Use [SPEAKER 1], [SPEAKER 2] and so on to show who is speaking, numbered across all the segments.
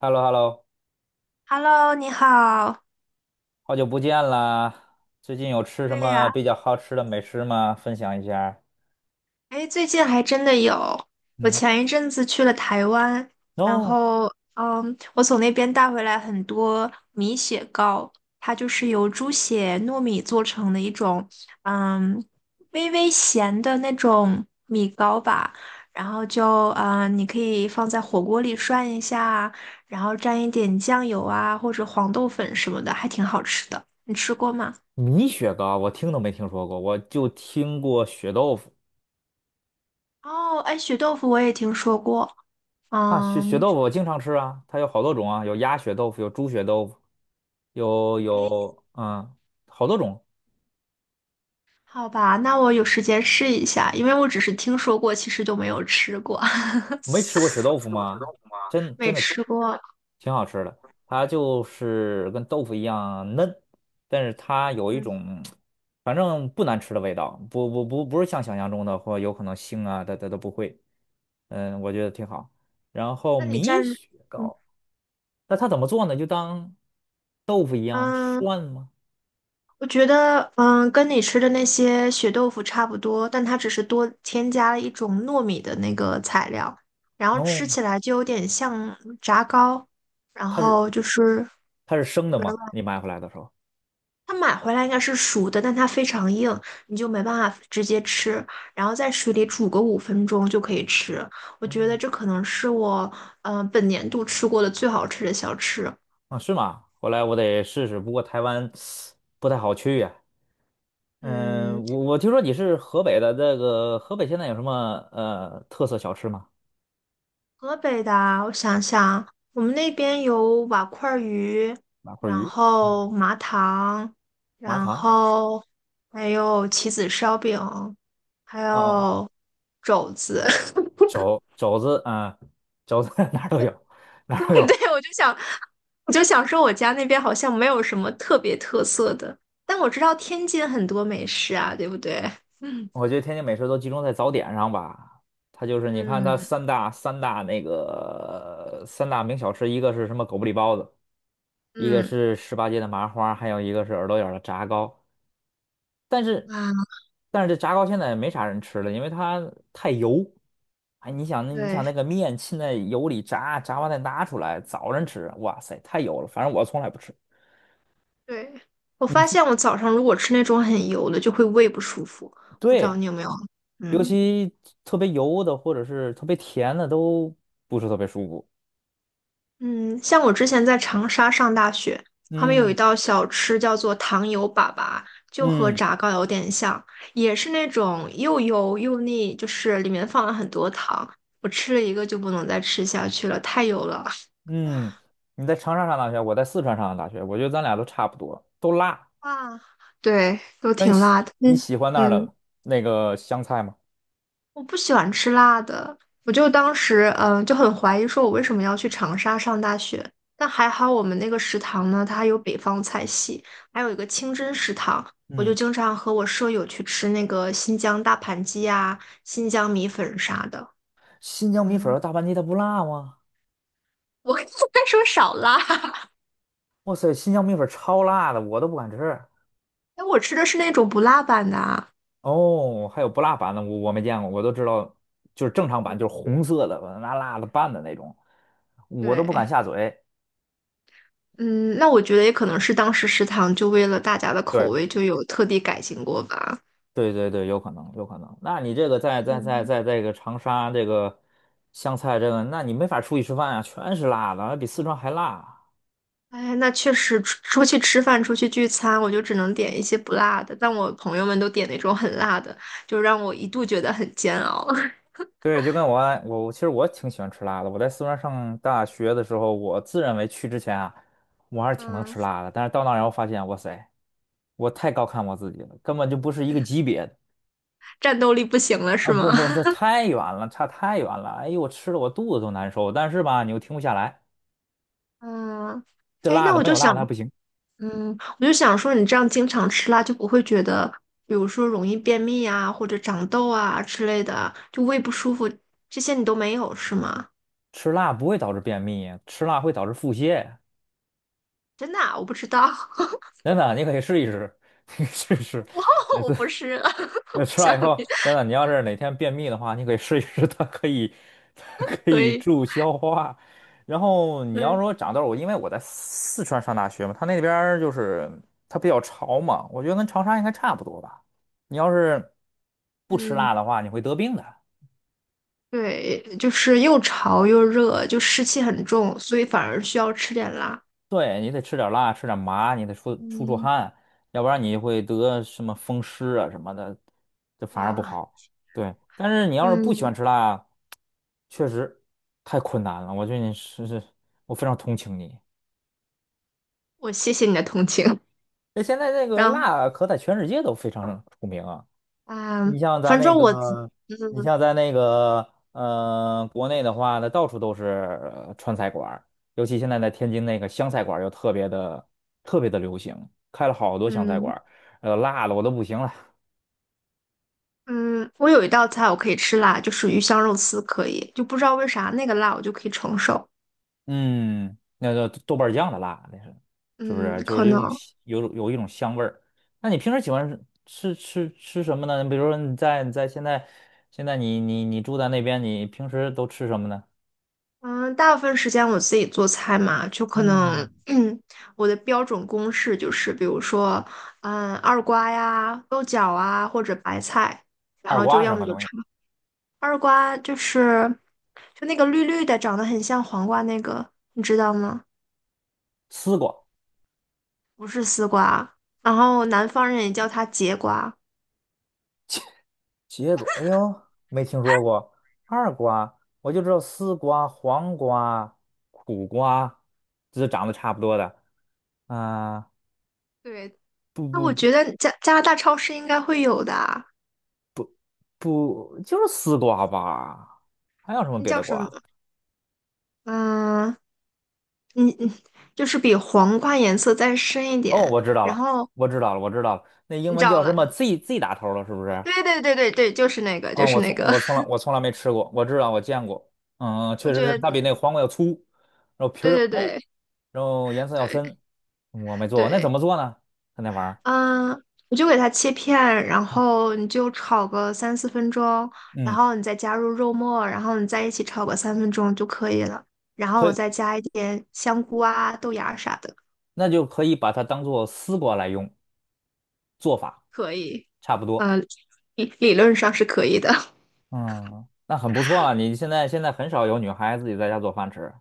[SPEAKER 1] h e l l o h e l l o
[SPEAKER 2] Hello，你好。
[SPEAKER 1] 好久不见啦！最近有吃什
[SPEAKER 2] 对
[SPEAKER 1] 么
[SPEAKER 2] 呀，
[SPEAKER 1] 比较好吃的美食吗？分享一下。
[SPEAKER 2] 哎，最近还真的有。我
[SPEAKER 1] 嗯，
[SPEAKER 2] 前一阵子去了台湾，
[SPEAKER 1] n
[SPEAKER 2] 然
[SPEAKER 1] o。
[SPEAKER 2] 后，我从那边带回来很多米血糕，它就是由猪血糯米做成的一种，嗯，微微咸的那种米糕吧。然后就，你可以放在火锅里涮一下，然后蘸一点酱油啊，或者黄豆粉什么的，还挺好吃的。你吃过吗？
[SPEAKER 1] 米雪糕我听都没听说过，我就听过血豆腐
[SPEAKER 2] 哦，哎，血豆腐我也听说过。
[SPEAKER 1] 啊。血
[SPEAKER 2] 嗯，
[SPEAKER 1] 豆腐我经常吃啊，它有好多种啊，有鸭血豆腐，有猪血豆腐，有
[SPEAKER 2] 哎，
[SPEAKER 1] 有嗯，好多种。
[SPEAKER 2] 好吧，那我有时间试一下，因为我只是听说过，其实就没有吃过，
[SPEAKER 1] 没吃过血豆腐吗？真真
[SPEAKER 2] 没
[SPEAKER 1] 的挺
[SPEAKER 2] 吃过。
[SPEAKER 1] 挺好吃的，它就是跟豆腐一样嫩，但是它有一
[SPEAKER 2] 嗯，
[SPEAKER 1] 种反正不难吃的味道，不是像想象中的或有可能腥啊，它都不会。我觉得挺好。然后
[SPEAKER 2] 那你
[SPEAKER 1] 米
[SPEAKER 2] 蘸，
[SPEAKER 1] 雪
[SPEAKER 2] 嗯
[SPEAKER 1] 糕，那它怎么做呢？就当豆腐一样
[SPEAKER 2] 嗯，
[SPEAKER 1] 涮吗？
[SPEAKER 2] 我觉得跟你吃的那些血豆腐差不多，但它只是多添加了一种糯米的那个材料，然后
[SPEAKER 1] 哦，
[SPEAKER 2] 吃起来就有点像炸糕，然
[SPEAKER 1] 它是
[SPEAKER 2] 后就是
[SPEAKER 1] 它是生的
[SPEAKER 2] 软。
[SPEAKER 1] 吗？你买回来的时候？
[SPEAKER 2] 它买回来应该是熟的，但它非常硬，你就没办法直接吃。然后在水里煮个5分钟就可以吃。我觉得
[SPEAKER 1] 哦，
[SPEAKER 2] 这可能是我本年度吃过的最好吃的小吃。
[SPEAKER 1] 啊，是吗？回来我得试试，不过台湾不太好去呀。
[SPEAKER 2] 嗯，
[SPEAKER 1] 嗯，我听说你是河北的，这个河北现在有什么特色小吃吗？
[SPEAKER 2] 河北的啊我想想，我们那边有瓦块鱼，
[SPEAKER 1] 麻花
[SPEAKER 2] 然
[SPEAKER 1] 鱼、
[SPEAKER 2] 后
[SPEAKER 1] 嗯，
[SPEAKER 2] 麻糖，
[SPEAKER 1] 麻
[SPEAKER 2] 然
[SPEAKER 1] 糖，
[SPEAKER 2] 后还有棋子烧饼，还
[SPEAKER 1] 哦哦，
[SPEAKER 2] 有肘子。
[SPEAKER 1] 肘子。肘子 哪儿都有。
[SPEAKER 2] 对，我就想说，我家那边好像没有什么特别特色的，但我知道天津很多美食啊，对不对？嗯
[SPEAKER 1] 我觉得天津美食都集中在早点上吧，它就是你看它
[SPEAKER 2] 嗯
[SPEAKER 1] 三大名小吃，一个是什么狗不理包子，一个
[SPEAKER 2] 嗯
[SPEAKER 1] 是十八街的麻花，还有一个是耳朵眼儿的炸糕。但是
[SPEAKER 2] 啊，
[SPEAKER 1] 但是这炸糕现在也没啥人吃了，因为它太油。哎，你想
[SPEAKER 2] 对
[SPEAKER 1] 那个面浸在油里炸，炸完再拿出来，早晨吃，哇塞，太油了。反正我从来不吃。
[SPEAKER 2] 对，我
[SPEAKER 1] 你
[SPEAKER 2] 发
[SPEAKER 1] 去，
[SPEAKER 2] 现我早上如果吃那种很油的，就会胃不舒服，不知道
[SPEAKER 1] 对，
[SPEAKER 2] 你有没有？
[SPEAKER 1] 尤
[SPEAKER 2] 嗯。
[SPEAKER 1] 其特别油的或者是特别甜的都不是特别舒服。
[SPEAKER 2] 嗯，像我之前在长沙上大学，他们有一
[SPEAKER 1] 嗯
[SPEAKER 2] 道小吃叫做糖油粑粑，就和
[SPEAKER 1] 嗯
[SPEAKER 2] 炸糕有点像，也是那种又油又腻，就是里面放了很多糖。我吃了一个就不能再吃下去了，太油了。
[SPEAKER 1] 嗯，你在长沙上大学，我在四川上的大学，我觉得咱俩都差不多，都辣。
[SPEAKER 2] 啊，对，都
[SPEAKER 1] 那你
[SPEAKER 2] 挺
[SPEAKER 1] 喜
[SPEAKER 2] 辣的。
[SPEAKER 1] 你
[SPEAKER 2] 嗯
[SPEAKER 1] 喜欢那儿
[SPEAKER 2] 嗯。
[SPEAKER 1] 的那个香菜吗？
[SPEAKER 2] 我不喜欢吃辣的，我就当时就很怀疑，说我为什么要去长沙上大学。但还好我们那个食堂呢，它有北方菜系，还有一个清真食堂，我就
[SPEAKER 1] 嗯。
[SPEAKER 2] 经常和我舍友去吃那个新疆大盘鸡啊、新疆米粉啥的。
[SPEAKER 1] 新疆米粉
[SPEAKER 2] 嗯，
[SPEAKER 1] 和大盘鸡它不辣吗？
[SPEAKER 2] 我 应该说少辣。
[SPEAKER 1] 哇塞，新疆米粉超辣的，我都不敢吃。
[SPEAKER 2] 哎，我吃的是那种不辣版的啊。
[SPEAKER 1] 哦，还有不辣版的，我没见过，我都知道，就是正常版，就是红色的，把它拿辣的拌的那种，我都不敢
[SPEAKER 2] 对，
[SPEAKER 1] 下嘴。
[SPEAKER 2] 嗯，那我觉得也可能是当时食堂就为了大家的口
[SPEAKER 1] 对，
[SPEAKER 2] 味就有特地改进过吧。
[SPEAKER 1] 对对对，有可能，有可能。那你这个在在在
[SPEAKER 2] 嗯。
[SPEAKER 1] 在这个长沙这个湘菜这个，那你没法出去吃饭啊，全是辣的，还比四川还辣。
[SPEAKER 2] 哎，那确实，出去吃饭、出去聚餐，我就只能点一些不辣的。但我朋友们都点那种很辣的，就让我一度觉得很煎熬。
[SPEAKER 1] 对，就跟我爱我其实我挺喜欢吃辣的。我在四川上大学的时候，我自认为去之前啊，我还是挺能
[SPEAKER 2] 嗯，
[SPEAKER 1] 吃辣的。但是到那儿以后发现，哇塞，我太高看我自己了，根本就不是一个级别的。
[SPEAKER 2] 战斗力不行了
[SPEAKER 1] 啊！
[SPEAKER 2] 是
[SPEAKER 1] 不
[SPEAKER 2] 吗？
[SPEAKER 1] 不，这太远了，差太远了。哎呦，我吃的我肚子都难受。但是吧，你又停不下来，
[SPEAKER 2] 嗯，
[SPEAKER 1] 这
[SPEAKER 2] 哎，
[SPEAKER 1] 辣
[SPEAKER 2] 那
[SPEAKER 1] 的
[SPEAKER 2] 我
[SPEAKER 1] 没
[SPEAKER 2] 就
[SPEAKER 1] 有辣
[SPEAKER 2] 想，
[SPEAKER 1] 的还不行。
[SPEAKER 2] 我就想说，你这样经常吃辣，就不会觉得，比如说容易便秘啊，或者长痘啊之类的，就胃不舒服，这些你都没有是吗？
[SPEAKER 1] 吃辣不会导致便秘，吃辣会导致腹泻。
[SPEAKER 2] 真的啊我不知道，
[SPEAKER 1] 真的，你可以试一试，你可以试一试。
[SPEAKER 2] 我我不是，不
[SPEAKER 1] 吃了
[SPEAKER 2] 想，
[SPEAKER 1] 以后，真的，你要是哪天便秘的话，你可以试一试，它可以，它 可
[SPEAKER 2] 所
[SPEAKER 1] 以
[SPEAKER 2] 以
[SPEAKER 1] 助消化。然后你要
[SPEAKER 2] 对，
[SPEAKER 1] 说长痘儿，因为我在四川上大学嘛，他那边儿就是它比较潮嘛，我觉得跟长沙应该差不多吧。你要是不吃
[SPEAKER 2] 嗯。
[SPEAKER 1] 辣的话，你会得病的。
[SPEAKER 2] 对，就是又潮又热，就湿气很重，所以反而需要吃点辣。
[SPEAKER 1] 对，你得吃点辣，吃点麻，你得出
[SPEAKER 2] 嗯，
[SPEAKER 1] 汗，要不然你会得什么风湿啊什么的，这反而不
[SPEAKER 2] 哇，
[SPEAKER 1] 好。对，但是你要是不喜欢
[SPEAKER 2] 嗯，
[SPEAKER 1] 吃辣。确实太困难了，我觉得你是是，我非常同情你。
[SPEAKER 2] 我谢谢你的同情。
[SPEAKER 1] 那现在那个
[SPEAKER 2] 然后，
[SPEAKER 1] 辣可在全世界都非常出名啊，你
[SPEAKER 2] 嗯，
[SPEAKER 1] 像咱
[SPEAKER 2] 反
[SPEAKER 1] 那
[SPEAKER 2] 正我自
[SPEAKER 1] 个，你
[SPEAKER 2] 嗯
[SPEAKER 1] 像咱那个，国内的话呢，到处都是川菜馆儿，尤其现在在天津那个湘菜馆儿又特别的流行，开了好多湘菜
[SPEAKER 2] 嗯
[SPEAKER 1] 馆儿呃，辣的我都不行了，
[SPEAKER 2] 嗯，我有一道菜我可以吃辣，就是鱼香肉丝可以，就不知道为啥那个辣我就可以承受。
[SPEAKER 1] 嗯，那叫豆瓣酱的辣，那是，是不
[SPEAKER 2] 嗯，
[SPEAKER 1] 是？就
[SPEAKER 2] 可
[SPEAKER 1] 是有
[SPEAKER 2] 能。
[SPEAKER 1] 种香有一种香味儿。那你平时喜欢吃什么呢？比如说你在现在你住在那边，你平时都吃什么呢？
[SPEAKER 2] 嗯，大部分时间我自己做菜嘛，就可能，
[SPEAKER 1] 嗯，
[SPEAKER 2] 我的标准公式就是，比如说，二瓜呀、豆角啊，或者白菜，然
[SPEAKER 1] 二
[SPEAKER 2] 后就
[SPEAKER 1] 瓜是
[SPEAKER 2] 要
[SPEAKER 1] 什
[SPEAKER 2] 么
[SPEAKER 1] 么
[SPEAKER 2] 就
[SPEAKER 1] 东西？
[SPEAKER 2] 炒二瓜，就是那个绿绿的，长得很像黄瓜那个，你知道吗？
[SPEAKER 1] 丝瓜、
[SPEAKER 2] 不是丝瓜，然后南方人也叫它节瓜。
[SPEAKER 1] 结果，哎呦，没听说过二瓜，我就知道丝瓜、黄瓜、苦瓜，这是长得差不多的。啊、
[SPEAKER 2] 对，
[SPEAKER 1] 不
[SPEAKER 2] 那
[SPEAKER 1] 不
[SPEAKER 2] 我
[SPEAKER 1] 不。
[SPEAKER 2] 觉得加拿大超市应该会有的啊。
[SPEAKER 1] 不，就是丝瓜吧？还有什么
[SPEAKER 2] 那
[SPEAKER 1] 别
[SPEAKER 2] 叫
[SPEAKER 1] 的
[SPEAKER 2] 什么？
[SPEAKER 1] 瓜？
[SPEAKER 2] 嗯，你就是比黄瓜颜色再深一
[SPEAKER 1] 哦，
[SPEAKER 2] 点。
[SPEAKER 1] 我知道
[SPEAKER 2] 然
[SPEAKER 1] 了，
[SPEAKER 2] 后
[SPEAKER 1] 我知道了，我知道了，那英
[SPEAKER 2] 你
[SPEAKER 1] 文
[SPEAKER 2] 找
[SPEAKER 1] 叫什
[SPEAKER 2] 了，
[SPEAKER 1] 么？Z Z 打头了，是不是？
[SPEAKER 2] 对对对对对，就是那个，就
[SPEAKER 1] 嗯，
[SPEAKER 2] 是那个。
[SPEAKER 1] 我从来没吃过，我知道我见过。
[SPEAKER 2] 我
[SPEAKER 1] 确实是，
[SPEAKER 2] 觉得，
[SPEAKER 1] 它比那个黄瓜要粗，然后皮儿
[SPEAKER 2] 对
[SPEAKER 1] 要
[SPEAKER 2] 对
[SPEAKER 1] 厚，
[SPEAKER 2] 对
[SPEAKER 1] 然后颜色要深。
[SPEAKER 2] 对
[SPEAKER 1] 我没做过，那怎
[SPEAKER 2] 对，
[SPEAKER 1] 么做呢？它那玩意儿，
[SPEAKER 2] 嗯，你就给它切片，然后你就炒个3、4分钟，然
[SPEAKER 1] 嗯，
[SPEAKER 2] 后你再加入肉末，然后你在一起炒个3分钟就可以了。然后
[SPEAKER 1] 可
[SPEAKER 2] 我
[SPEAKER 1] 以，
[SPEAKER 2] 再加一点香菇啊、豆芽啥的，
[SPEAKER 1] 那就可以把它当做丝瓜来用，做法
[SPEAKER 2] 可以。
[SPEAKER 1] 差不多。
[SPEAKER 2] 呃，理论上是可以的。
[SPEAKER 1] 嗯，那很不错啊，你现在很少有女孩自己在家做饭吃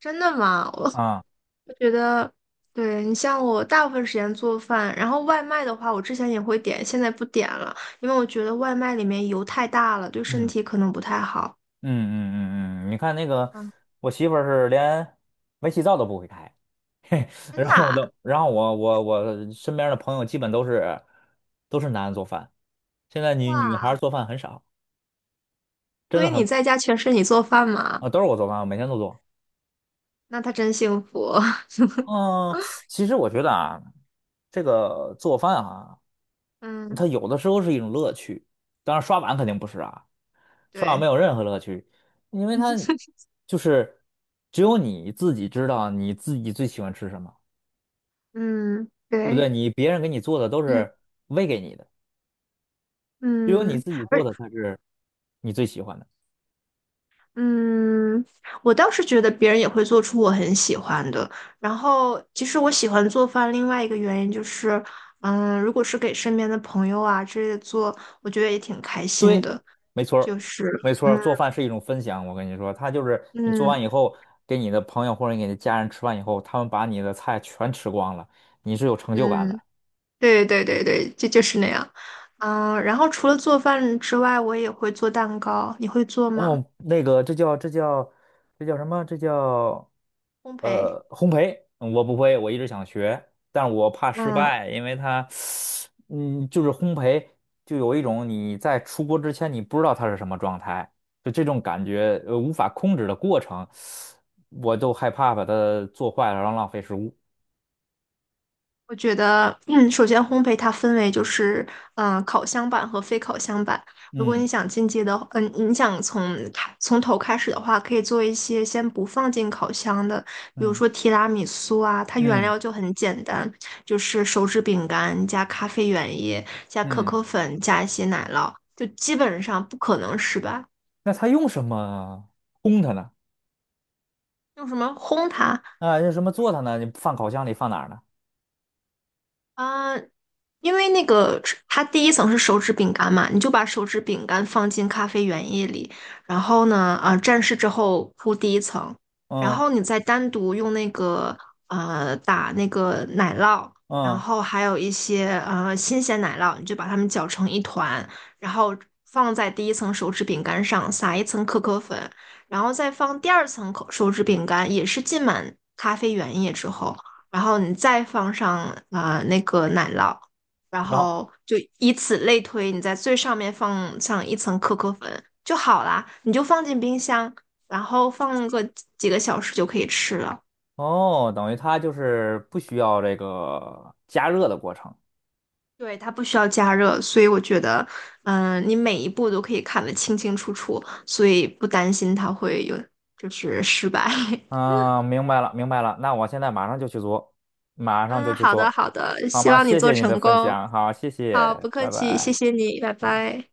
[SPEAKER 2] 真的吗？我
[SPEAKER 1] 啊。
[SPEAKER 2] 我觉得，对，你像我大部分时间做饭，然后外卖的话，我之前也会点，现在不点了，因为我觉得外卖里面油太大了，对身
[SPEAKER 1] 嗯
[SPEAKER 2] 体可能不太好。
[SPEAKER 1] 嗯，你看那个，
[SPEAKER 2] 嗯，
[SPEAKER 1] 我媳妇儿是连煤气灶都不会开，嘿，
[SPEAKER 2] 真
[SPEAKER 1] 然
[SPEAKER 2] 的
[SPEAKER 1] 后我
[SPEAKER 2] 啊？
[SPEAKER 1] 都，然后我身边的朋友基本都是男的做饭，现在女孩儿
[SPEAKER 2] 哇，
[SPEAKER 1] 做饭很少，真
[SPEAKER 2] 所
[SPEAKER 1] 的
[SPEAKER 2] 以你
[SPEAKER 1] 很
[SPEAKER 2] 在家全是你做饭吗？
[SPEAKER 1] 啊，都是我做饭，我每天都做。
[SPEAKER 2] 那他真幸福。
[SPEAKER 1] 嗯，其实我觉得啊，这个做饭啊，
[SPEAKER 2] 嗯，
[SPEAKER 1] 它有的时候是一种乐趣，当然刷碗肯定不是啊，刷碗没
[SPEAKER 2] 对，
[SPEAKER 1] 有任何乐趣，因为它 就是只有你自己知道你自己最喜欢吃什么。
[SPEAKER 2] 嗯，
[SPEAKER 1] 对不对？
[SPEAKER 2] 对，
[SPEAKER 1] 你别人给你做的都
[SPEAKER 2] 嗯
[SPEAKER 1] 是喂给你的，只有你
[SPEAKER 2] 嗯。
[SPEAKER 1] 自己做
[SPEAKER 2] 而。
[SPEAKER 1] 的才是你最喜欢的。
[SPEAKER 2] 嗯，我倒是觉得别人也会做出我很喜欢的。然后，其实我喜欢做饭，另外一个原因就是，如果是给身边的朋友啊之类的做，我觉得也挺开心
[SPEAKER 1] 对，
[SPEAKER 2] 的。
[SPEAKER 1] 没错儿，
[SPEAKER 2] 就是，
[SPEAKER 1] 没错儿，
[SPEAKER 2] 嗯
[SPEAKER 1] 做饭是一种分享。我跟你说，它就是你做
[SPEAKER 2] 嗯
[SPEAKER 1] 完以后，给你的朋友或者你的家人吃完以后，他们把你的菜全吃光了，你是有成就感的。
[SPEAKER 2] 嗯，对对对对，就是那样。然后除了做饭之外，我也会做蛋糕。你会做吗？
[SPEAKER 1] 哦，那个，这叫什么？这叫
[SPEAKER 2] 烘焙？
[SPEAKER 1] 烘焙。嗯我不会，我一直想学，但是我怕失
[SPEAKER 2] 嗯。
[SPEAKER 1] 败，因为它，就是烘焙，就有一种你在出锅之前你不知道它是什么状态，就这种感觉，无法控制的过程，我就害怕把它做坏了，然后浪费食物。
[SPEAKER 2] 我觉得，首先烘焙它分为就是，烤箱版和非烤箱版。如果你
[SPEAKER 1] 嗯
[SPEAKER 2] 想进阶的话你想从头开始的话，可以做一些先不放进烤箱的，比如
[SPEAKER 1] 嗯
[SPEAKER 2] 说提拉米苏啊，它原
[SPEAKER 1] 嗯
[SPEAKER 2] 料就很简单，就是手指饼干加咖啡原液加可
[SPEAKER 1] 嗯，
[SPEAKER 2] 可粉加一些奶酪，就基本上不可能失败。
[SPEAKER 1] 那它用什么烘它呢？
[SPEAKER 2] 用什么烘它
[SPEAKER 1] 啊，用什么做它呢？你放烤箱里放哪儿呢？
[SPEAKER 2] 啊？因为那个它第一层是手指饼干嘛，你就把手指饼干放进咖啡原液里，然后呢，蘸湿之后铺第一层，然
[SPEAKER 1] 嗯
[SPEAKER 2] 后你再单独用那个打那个奶酪，然
[SPEAKER 1] 嗯。
[SPEAKER 2] 后还有一些新鲜奶酪，你就把它们搅成一团，然后放在第一层手指饼干上，撒一层可可粉，然后再放第二层口手指饼干，也是浸满咖啡原液之后，然后你再放上那个奶酪。然
[SPEAKER 1] 然后。
[SPEAKER 2] 后就以此类推，你在最上面放上一层可可粉就好啦，你就放进冰箱，然后放个几个小时就可以吃了。
[SPEAKER 1] 哦，等于它就是不需要这个加热的过程。
[SPEAKER 2] 对，它不需要加热，所以我觉得，你每一步都可以看得清清楚楚，所以不担心它会有就是失败。
[SPEAKER 1] 嗯，明白了，明白了。那我现在马上就去做，马上就
[SPEAKER 2] 嗯，
[SPEAKER 1] 去
[SPEAKER 2] 好的
[SPEAKER 1] 做，
[SPEAKER 2] 好的，
[SPEAKER 1] 好
[SPEAKER 2] 希
[SPEAKER 1] 吗？
[SPEAKER 2] 望你
[SPEAKER 1] 谢谢
[SPEAKER 2] 做
[SPEAKER 1] 你
[SPEAKER 2] 成
[SPEAKER 1] 的分
[SPEAKER 2] 功。
[SPEAKER 1] 享，好，谢
[SPEAKER 2] 好，
[SPEAKER 1] 谢，
[SPEAKER 2] 不客
[SPEAKER 1] 拜
[SPEAKER 2] 气，谢
[SPEAKER 1] 拜。
[SPEAKER 2] 谢你，拜
[SPEAKER 1] 嗯。
[SPEAKER 2] 拜。